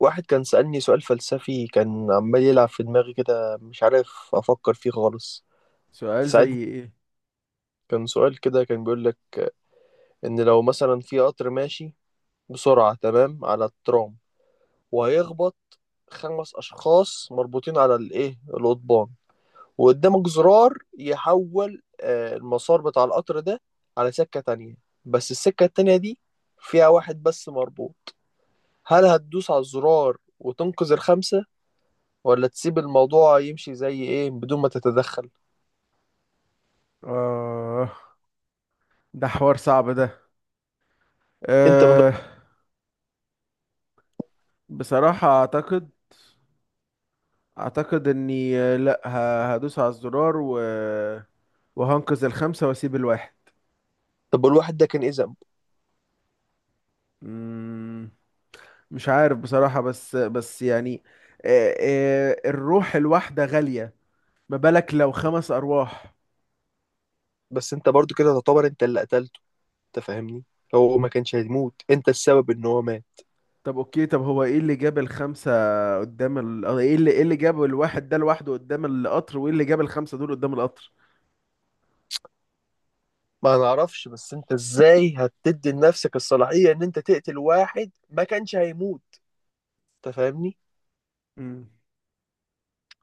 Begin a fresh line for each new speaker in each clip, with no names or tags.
واحد كان سألني سؤال فلسفي، كان عمال يلعب في دماغي كده، مش عارف أفكر فيه خالص.
سؤال زي
ساعدني.
ايه؟
كان سؤال كده، كان بيقول لك إن لو مثلا في قطر ماشي بسرعة تمام على الترام، وهيخبط خمس أشخاص مربوطين على الإيه القضبان، وقدامك زرار يحول المسار بتاع القطر ده على سكة تانية. بس السكة التانية دي فيها واحد بس مربوط. هل هتدوس على الزرار وتنقذ الخمسة، ولا تسيب الموضوع يمشي زي ايه بدون ما تتدخل؟
آه، ده حوار صعب ده.
انت من...
آه. بصراحة اعتقد اني، لا هدوس على الزرار وهنقذ الخمسة واسيب الواحد.
طب الواحد ده كان ايه ذنبه؟
مم، مش عارف بصراحة، بس يعني الروح الواحدة غالية. ما بالك لو خمس ارواح؟
بس انت برضو كده تعتبر انت اللي قتلته. انت فاهمني؟ هو ما كانش هيموت، انت السبب ان هو مات.
طب اوكي، طب هو ايه اللي جاب الخمسة ايه اللي جاب الواحد ده لوحده قدام القطر، وايه اللي جاب الخمسة دول قدام القطر؟
ما نعرفش، بس انت ازاي هتدي لنفسك الصلاحية ان انت تقتل واحد ما كانش هيموت؟ انت فاهمني؟
مم.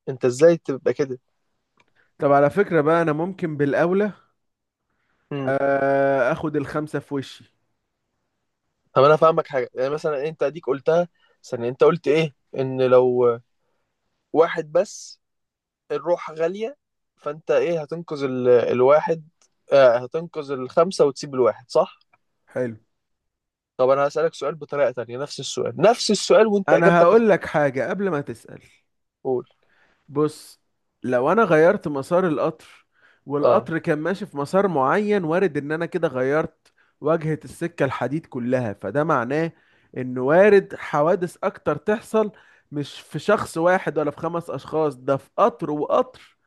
انت ازاي تبقى كده؟
طب على فكرة بقى، أنا ممكن بالأولى،
امم
آخد الخمسة في وشي.
طب انا فاهمك حاجة. يعني مثلا انت اديك قلتها ثانية، انت قلت ايه؟ ان لو واحد بس، الروح غالية. فانت ايه، هتنقذ الواحد؟ هتنقذ الخمسة وتسيب الواحد، صح؟
حلو.
طب انا هسألك سؤال بطريقة تانية، نفس السؤال، نفس السؤال وانت
أنا
اجابتك
هقول لك حاجة قبل ما تسأل.
هتقول
بص، لو أنا غيرت مسار القطر،
اه
والقطر كان ماشي في مسار معين، وارد إن أنا كده غيرت واجهة السكة الحديد كلها، فده معناه إن وارد حوادث أكتر تحصل، مش في شخص واحد ولا في خمس أشخاص، ده في قطر وقطر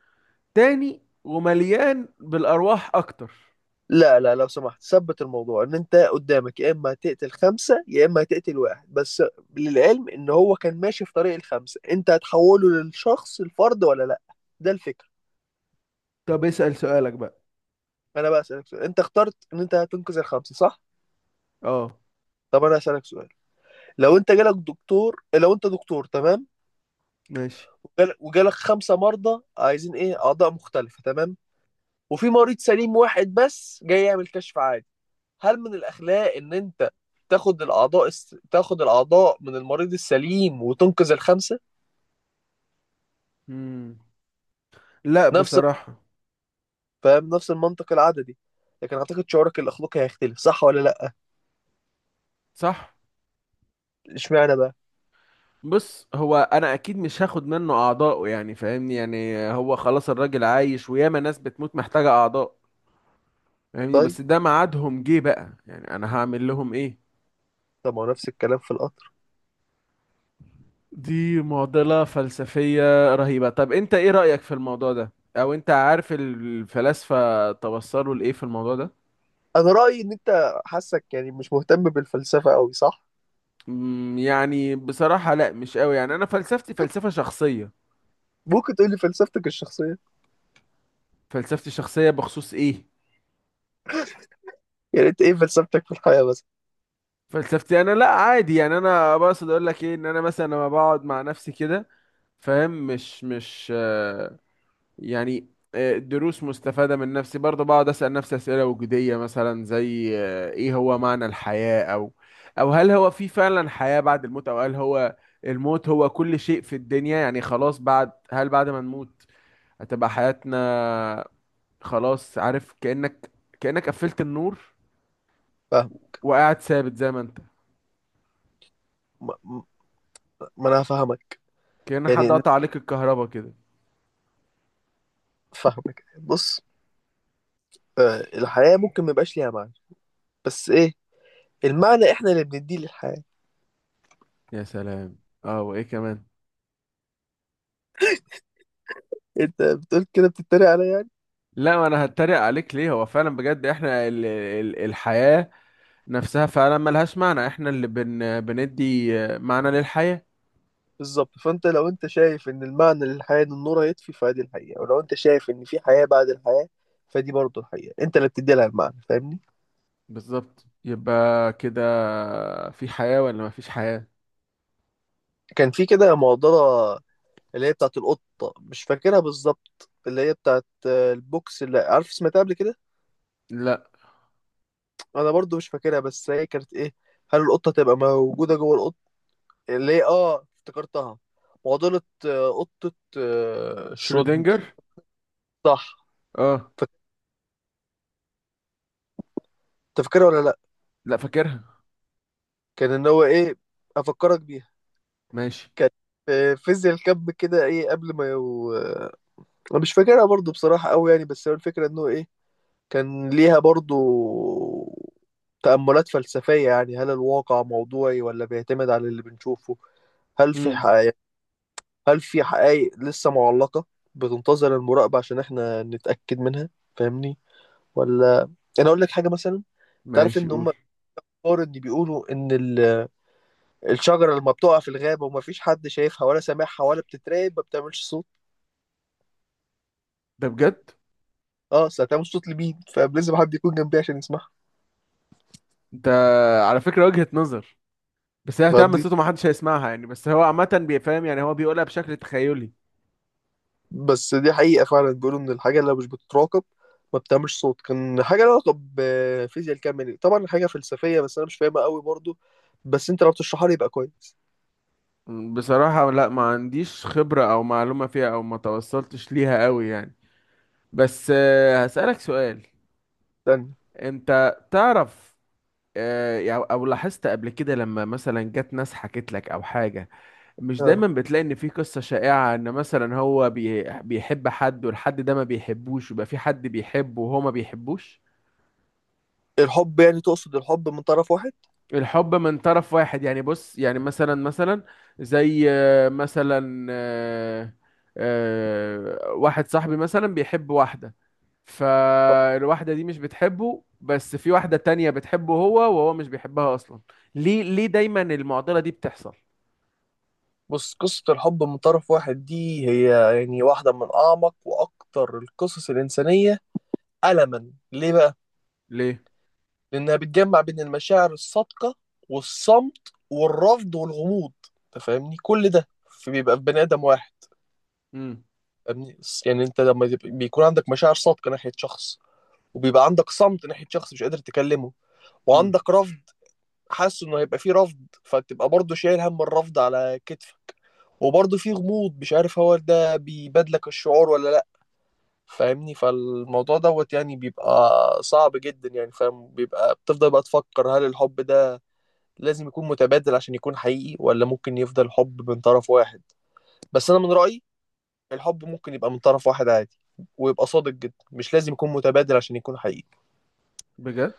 تاني ومليان بالأرواح أكتر.
لا، لا، لو سمحت ثبت الموضوع ان انت قدامك يا اما هتقتل خمسة يا اما هتقتل واحد بس، للعلم ان هو كان ماشي في طريق الخمسة، انت هتحوله للشخص الفرد ولا لا؟ ده الفكرة.
طب اسأل سؤالك بقى.
انا بقى اسألك سؤال، انت اخترت ان انت هتنقذ الخمسة، صح؟
اه.
طب انا هسألك سؤال. لو انت جالك دكتور، لو انت دكتور تمام،
ماشي.
وجالك خمسة مرضى عايزين ايه اعضاء مختلفة تمام، وفي مريض سليم واحد بس جاي يعمل كشف عادي، هل من الاخلاق ان انت تاخد الاعضاء تاخد الاعضاء من المريض السليم وتنقذ الخمسة؟
مم. لا،
نفس
بصراحة.
فاهم؟ نفس المنطق العددي، لكن اعتقد شعورك الاخلاقي هيختلف، صح ولا لا؟
صح.
اشمعنى بقى؟
بص، هو انا اكيد مش هاخد منه اعضائه، يعني فاهمني، يعني هو خلاص الراجل عايش، وياما ناس بتموت محتاجة اعضاء. فاهمني،
طيب.
بس ده ميعادهم جه بقى، يعني انا هعمل لهم ايه؟
طب ما هو نفس الكلام في القطر.
دي معضلة فلسفية رهيبة. طب انت ايه رأيك في الموضوع ده؟ او انت عارف الفلاسفة توصلوا لايه في الموضوع ده؟
انا رأيي ان انت حاسك يعني مش مهتم بالفلسفة قوي، صح؟
يعني بصراحة لا، مش قوي، يعني انا فلسفتي فلسفة شخصية.
ممكن تقولي فلسفتك الشخصية؟
فلسفتي شخصية بخصوص ايه؟
يعني انت ايه فلسفتك في الحياة بس؟
فلسفتي انا، لا عادي، يعني انا بقصد اقول لك ايه، ان انا مثلا لما بقعد مع نفسي كده، فاهم، مش مش آه، يعني دروس مستفادة من نفسي برضه، بقعد اسأل نفسي اسئلة وجودية مثلا، زي ايه هو معنى الحياة، او هل هو في فعلا حياة بعد الموت، او هل هو الموت هو كل شيء في الدنيا. يعني خلاص، هل بعد ما نموت هتبقى حياتنا خلاص، عارف، كأنك قفلت النور
فاهم.
وقاعد ثابت زي ما انت،
ما ما- ما انا هفهمك.
كأن حد
يعني
قطع عليك الكهرباء كده.
فاهمك. بص، الحياة ممكن ما يبقاش ليها معنى، بس ايه؟ المعنى احنا اللي بنديه للحياة.
يا سلام. اه، وايه كمان؟
انت بتقول كده بتتريق عليا يعني؟
لا، ما انا هتريق عليك ليه؟ هو فعلا بجد احنا ال ال الحياة نفسها فعلا ملهاش معنى، احنا اللي بندي معنى للحياة.
بالظبط. فانت لو انت شايف ان المعنى للحياة ان النور هيطفي، فدي الحقيقة. ولو انت شايف ان في حياة بعد الحياة، فدي برضه الحقيقة. انت اللي بتدي لها المعنى، فاهمني؟
بالظبط، يبقى كده، في حياة ولا مفيش حياة؟
كان في كده معضلة، اللي هي بتاعت القطة، مش فاكرها بالظبط، اللي هي بتاعت البوكس، اللي عارف سمعتها قبل كده.
لا.
انا برضه مش فاكرها، بس هي كانت ايه؟ هل القطة تبقى موجودة جوه؟ اللي هي، افتكرتها. معضلة قطة شرود.
شرودنجر.
صح.
اه.
فك- تفكرها ولا لأ؟
لا، فاكرها.
كان إن هو إيه، أفكرك بيها.
ماشي.
كانت في فيزياء الكم كده، إيه، قبل ما يو... آه، أنا مش فاكرها برضو بصراحة أوي يعني، بس هو الفكرة إنه إيه، كان ليها برضو تأملات فلسفية. يعني هل الواقع موضوعي ولا بيعتمد على اللي بنشوفه؟ هل في
امم.
حقائق؟ هل في حقائق لسه معلقة بتنتظر المراقبة عشان إحنا نتأكد منها؟ فاهمني ولا؟ انا اقول لك حاجه مثلا. تعرف
ماشي،
ان هم
قول.
الكبار اللي بيقولوا ان الشجره لما بتقع في الغابه ومفيش حد شايفها ولا سامعها ولا بتتراقب ما بتعملش صوت؟
ده بجد؟
اه، اصل هتعمل صوت لمين؟ فلازم حد يكون جنبي عشان يسمعها.
ده على فكرة وجهة نظر. بس هي
فاهم
هتعمل
دي؟
صوته محدش هيسمعها يعني، بس هو عامة بيفهم، يعني هو بيقولها بشكل تخيلي.
بس دي حقيقه، فعلا بيقولوا ان الحاجه اللي مش بتتراقب ما بتعملش صوت. كان حاجه لها علاقه بفيزياء الكم يعني، طبعا حاجه فلسفيه، بس انا مش فاهمها قوي برضو. بس انت لو بتشرحها لي يبقى كويس.
بصراحة لا، ما عنديش خبرة أو معلومة فيها، أو ما توصلتش ليها أوي يعني. بس هسألك سؤال.
استنى.
أنت تعرف، أو لاحظت قبل كده لما مثلا جت ناس حكت لك أو حاجة؟ مش
اه،
دايما بتلاقي إن في قصة شائعة، إن مثلا هو بيحب حد والحد ده ما بيحبوش، ويبقى في حد بيحبه وهو ما بيحبوش؟
الحب يعني، تقصد الحب من طرف واحد؟
الحب من طرف واحد يعني، بص يعني مثلا، زي مثلا واحد صاحبي مثلا بيحب واحدة، فالواحدة دي مش بتحبه، بس في واحدة تانية بتحبه هو، وهو مش بيحبها أصلا. ليه دايما المعضلة دي بتحصل؟
بص، قصة الحب من طرف واحد دي هي يعني واحدة من أعمق وأكتر القصص الإنسانية ألما. ليه بقى؟
ليه؟
لأنها بتجمع بين المشاعر الصادقة والصمت والرفض والغموض. أنت فاهمني؟ كل ده بيبقى في بني آدم واحد.
امم.
فاهمني؟ يعني أنت بيكون عندك مشاعر صادقة ناحية شخص، وبيبقى عندك صمت ناحية شخص مش قادر تكلمه،
امم.
وعندك رفض. حاسس إنه هيبقى فيه رفض، فتبقى برضه شايل هم الرفض على كتفك. وبرضه في غموض، مش عارف هو ده بيبادلك الشعور ولا. فاهمني؟ فالموضوع دوت يعني بيبقى صعب جدا، يعني فاهم، بيبقى بتفضل بقى تفكر هل الحب ده لازم يكون متبادل عشان يكون حقيقي، ولا ممكن يفضل حب من طرف واحد. بس انا من رأيي الحب ممكن يبقى من طرف واحد عادي، ويبقى صادق جدا، مش لازم يكون متبادل عشان يكون حقيقي.
بجد.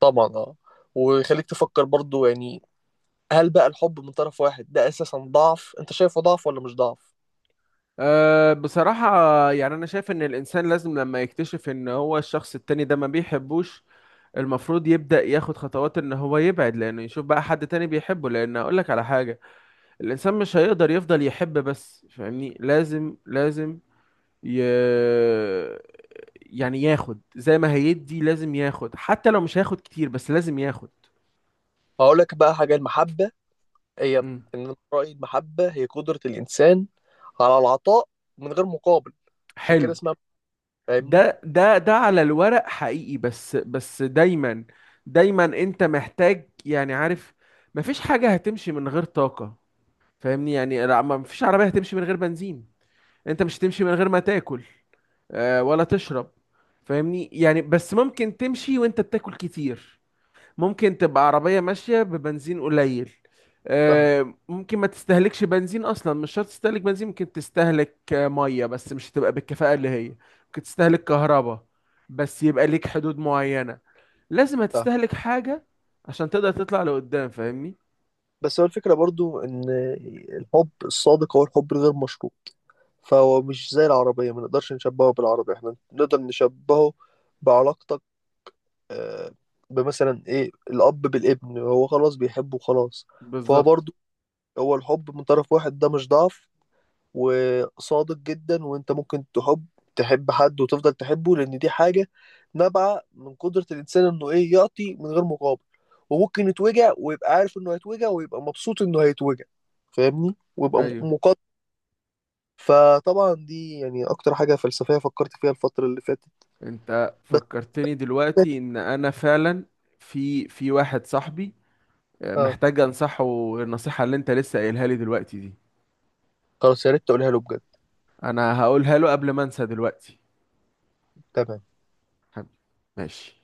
طبعا اه. ويخليك تفكر برضو يعني، هل بقى الحب من طرف واحد ده اساسا ضعف؟ انت شايفه ضعف ولا مش ضعف؟
أه، بصراحة يعني أنا شايف إن الإنسان لازم لما يكتشف إن هو الشخص التاني ده ما بيحبوش، المفروض يبدأ ياخد خطوات ان هو يبعد، لانه يشوف بقى حد تاني بيحبه. لان اقول لك على حاجة: الانسان مش هيقدر يفضل يحب بس، فاهمني، لازم ي... يعني ياخد زي ما هيدي، لازم ياخد، حتى لو مش هياخد كتير بس لازم ياخد.
هقول لك بقى حاجة. المحبة هي،
مم.
إن أنا رأيي المحبة هي قدرة الإنسان على العطاء من غير مقابل. عشان كده
حلو.
اسمها، فاهمني؟
ده على الورق حقيقي، بس دايما، دايما انت محتاج، يعني عارف، مفيش حاجة هتمشي من غير طاقة. فاهمني، يعني لا، مفيش عربية هتمشي من غير بنزين. انت مش هتمشي من غير ما تاكل، ولا تشرب. فاهمني يعني، بس ممكن تمشي وانت بتاكل كتير. ممكن تبقى عربية ماشية ببنزين قليل.
فاهم
ممكن ما تستهلكش بنزين اصلا، مش شرط تستهلك بنزين، ممكن تستهلك مية، بس مش هتبقى بالكفاءة اللي هي. ممكن تستهلك كهرباء، بس يبقى ليك حدود معينة، لازم
فاهم
هتستهلك حاجة عشان تقدر تطلع لقدام، فاهمني.
بس هو الفكرة برضو إن الحب الصادق هو الحب الغير مشروط. فهو مش زي العربية، ما نقدرش نشبهه بالعربية. احنا نقدر نشبهه بعلاقتك، آه، بمثلا إيه الأب بالابن، هو خلاص بيحبه خلاص. فهو
بالظبط.
برضو، هو الحب من طرف واحد ده مش ضعف، وصادق جدا. وانت ممكن تحب حد وتفضل تحبه، لان دي حاجة نابعة من قدرة الانسان انه ايه يعطي من غير مقابل. وممكن يتوجع ويبقى عارف انه هيتوجع ويبقى مبسوط انه هيتوجع. فاهمني؟ ويبقى
ايوه.
مقدر. فطبعا دي يعني اكتر حاجة فلسفية فكرت فيها الفترة اللي فاتت.
انت
بس
فكرتني دلوقتي ان انا فعلا في واحد صاحبي
اه،
محتاج انصحه النصيحة اللي انت لسه قايلها لي دلوقتي دي.
خلاص يا ريت تقولها له بجد.
انا هقولها له قبل ما انسى دلوقتي.
تمام.
حب- ماشي.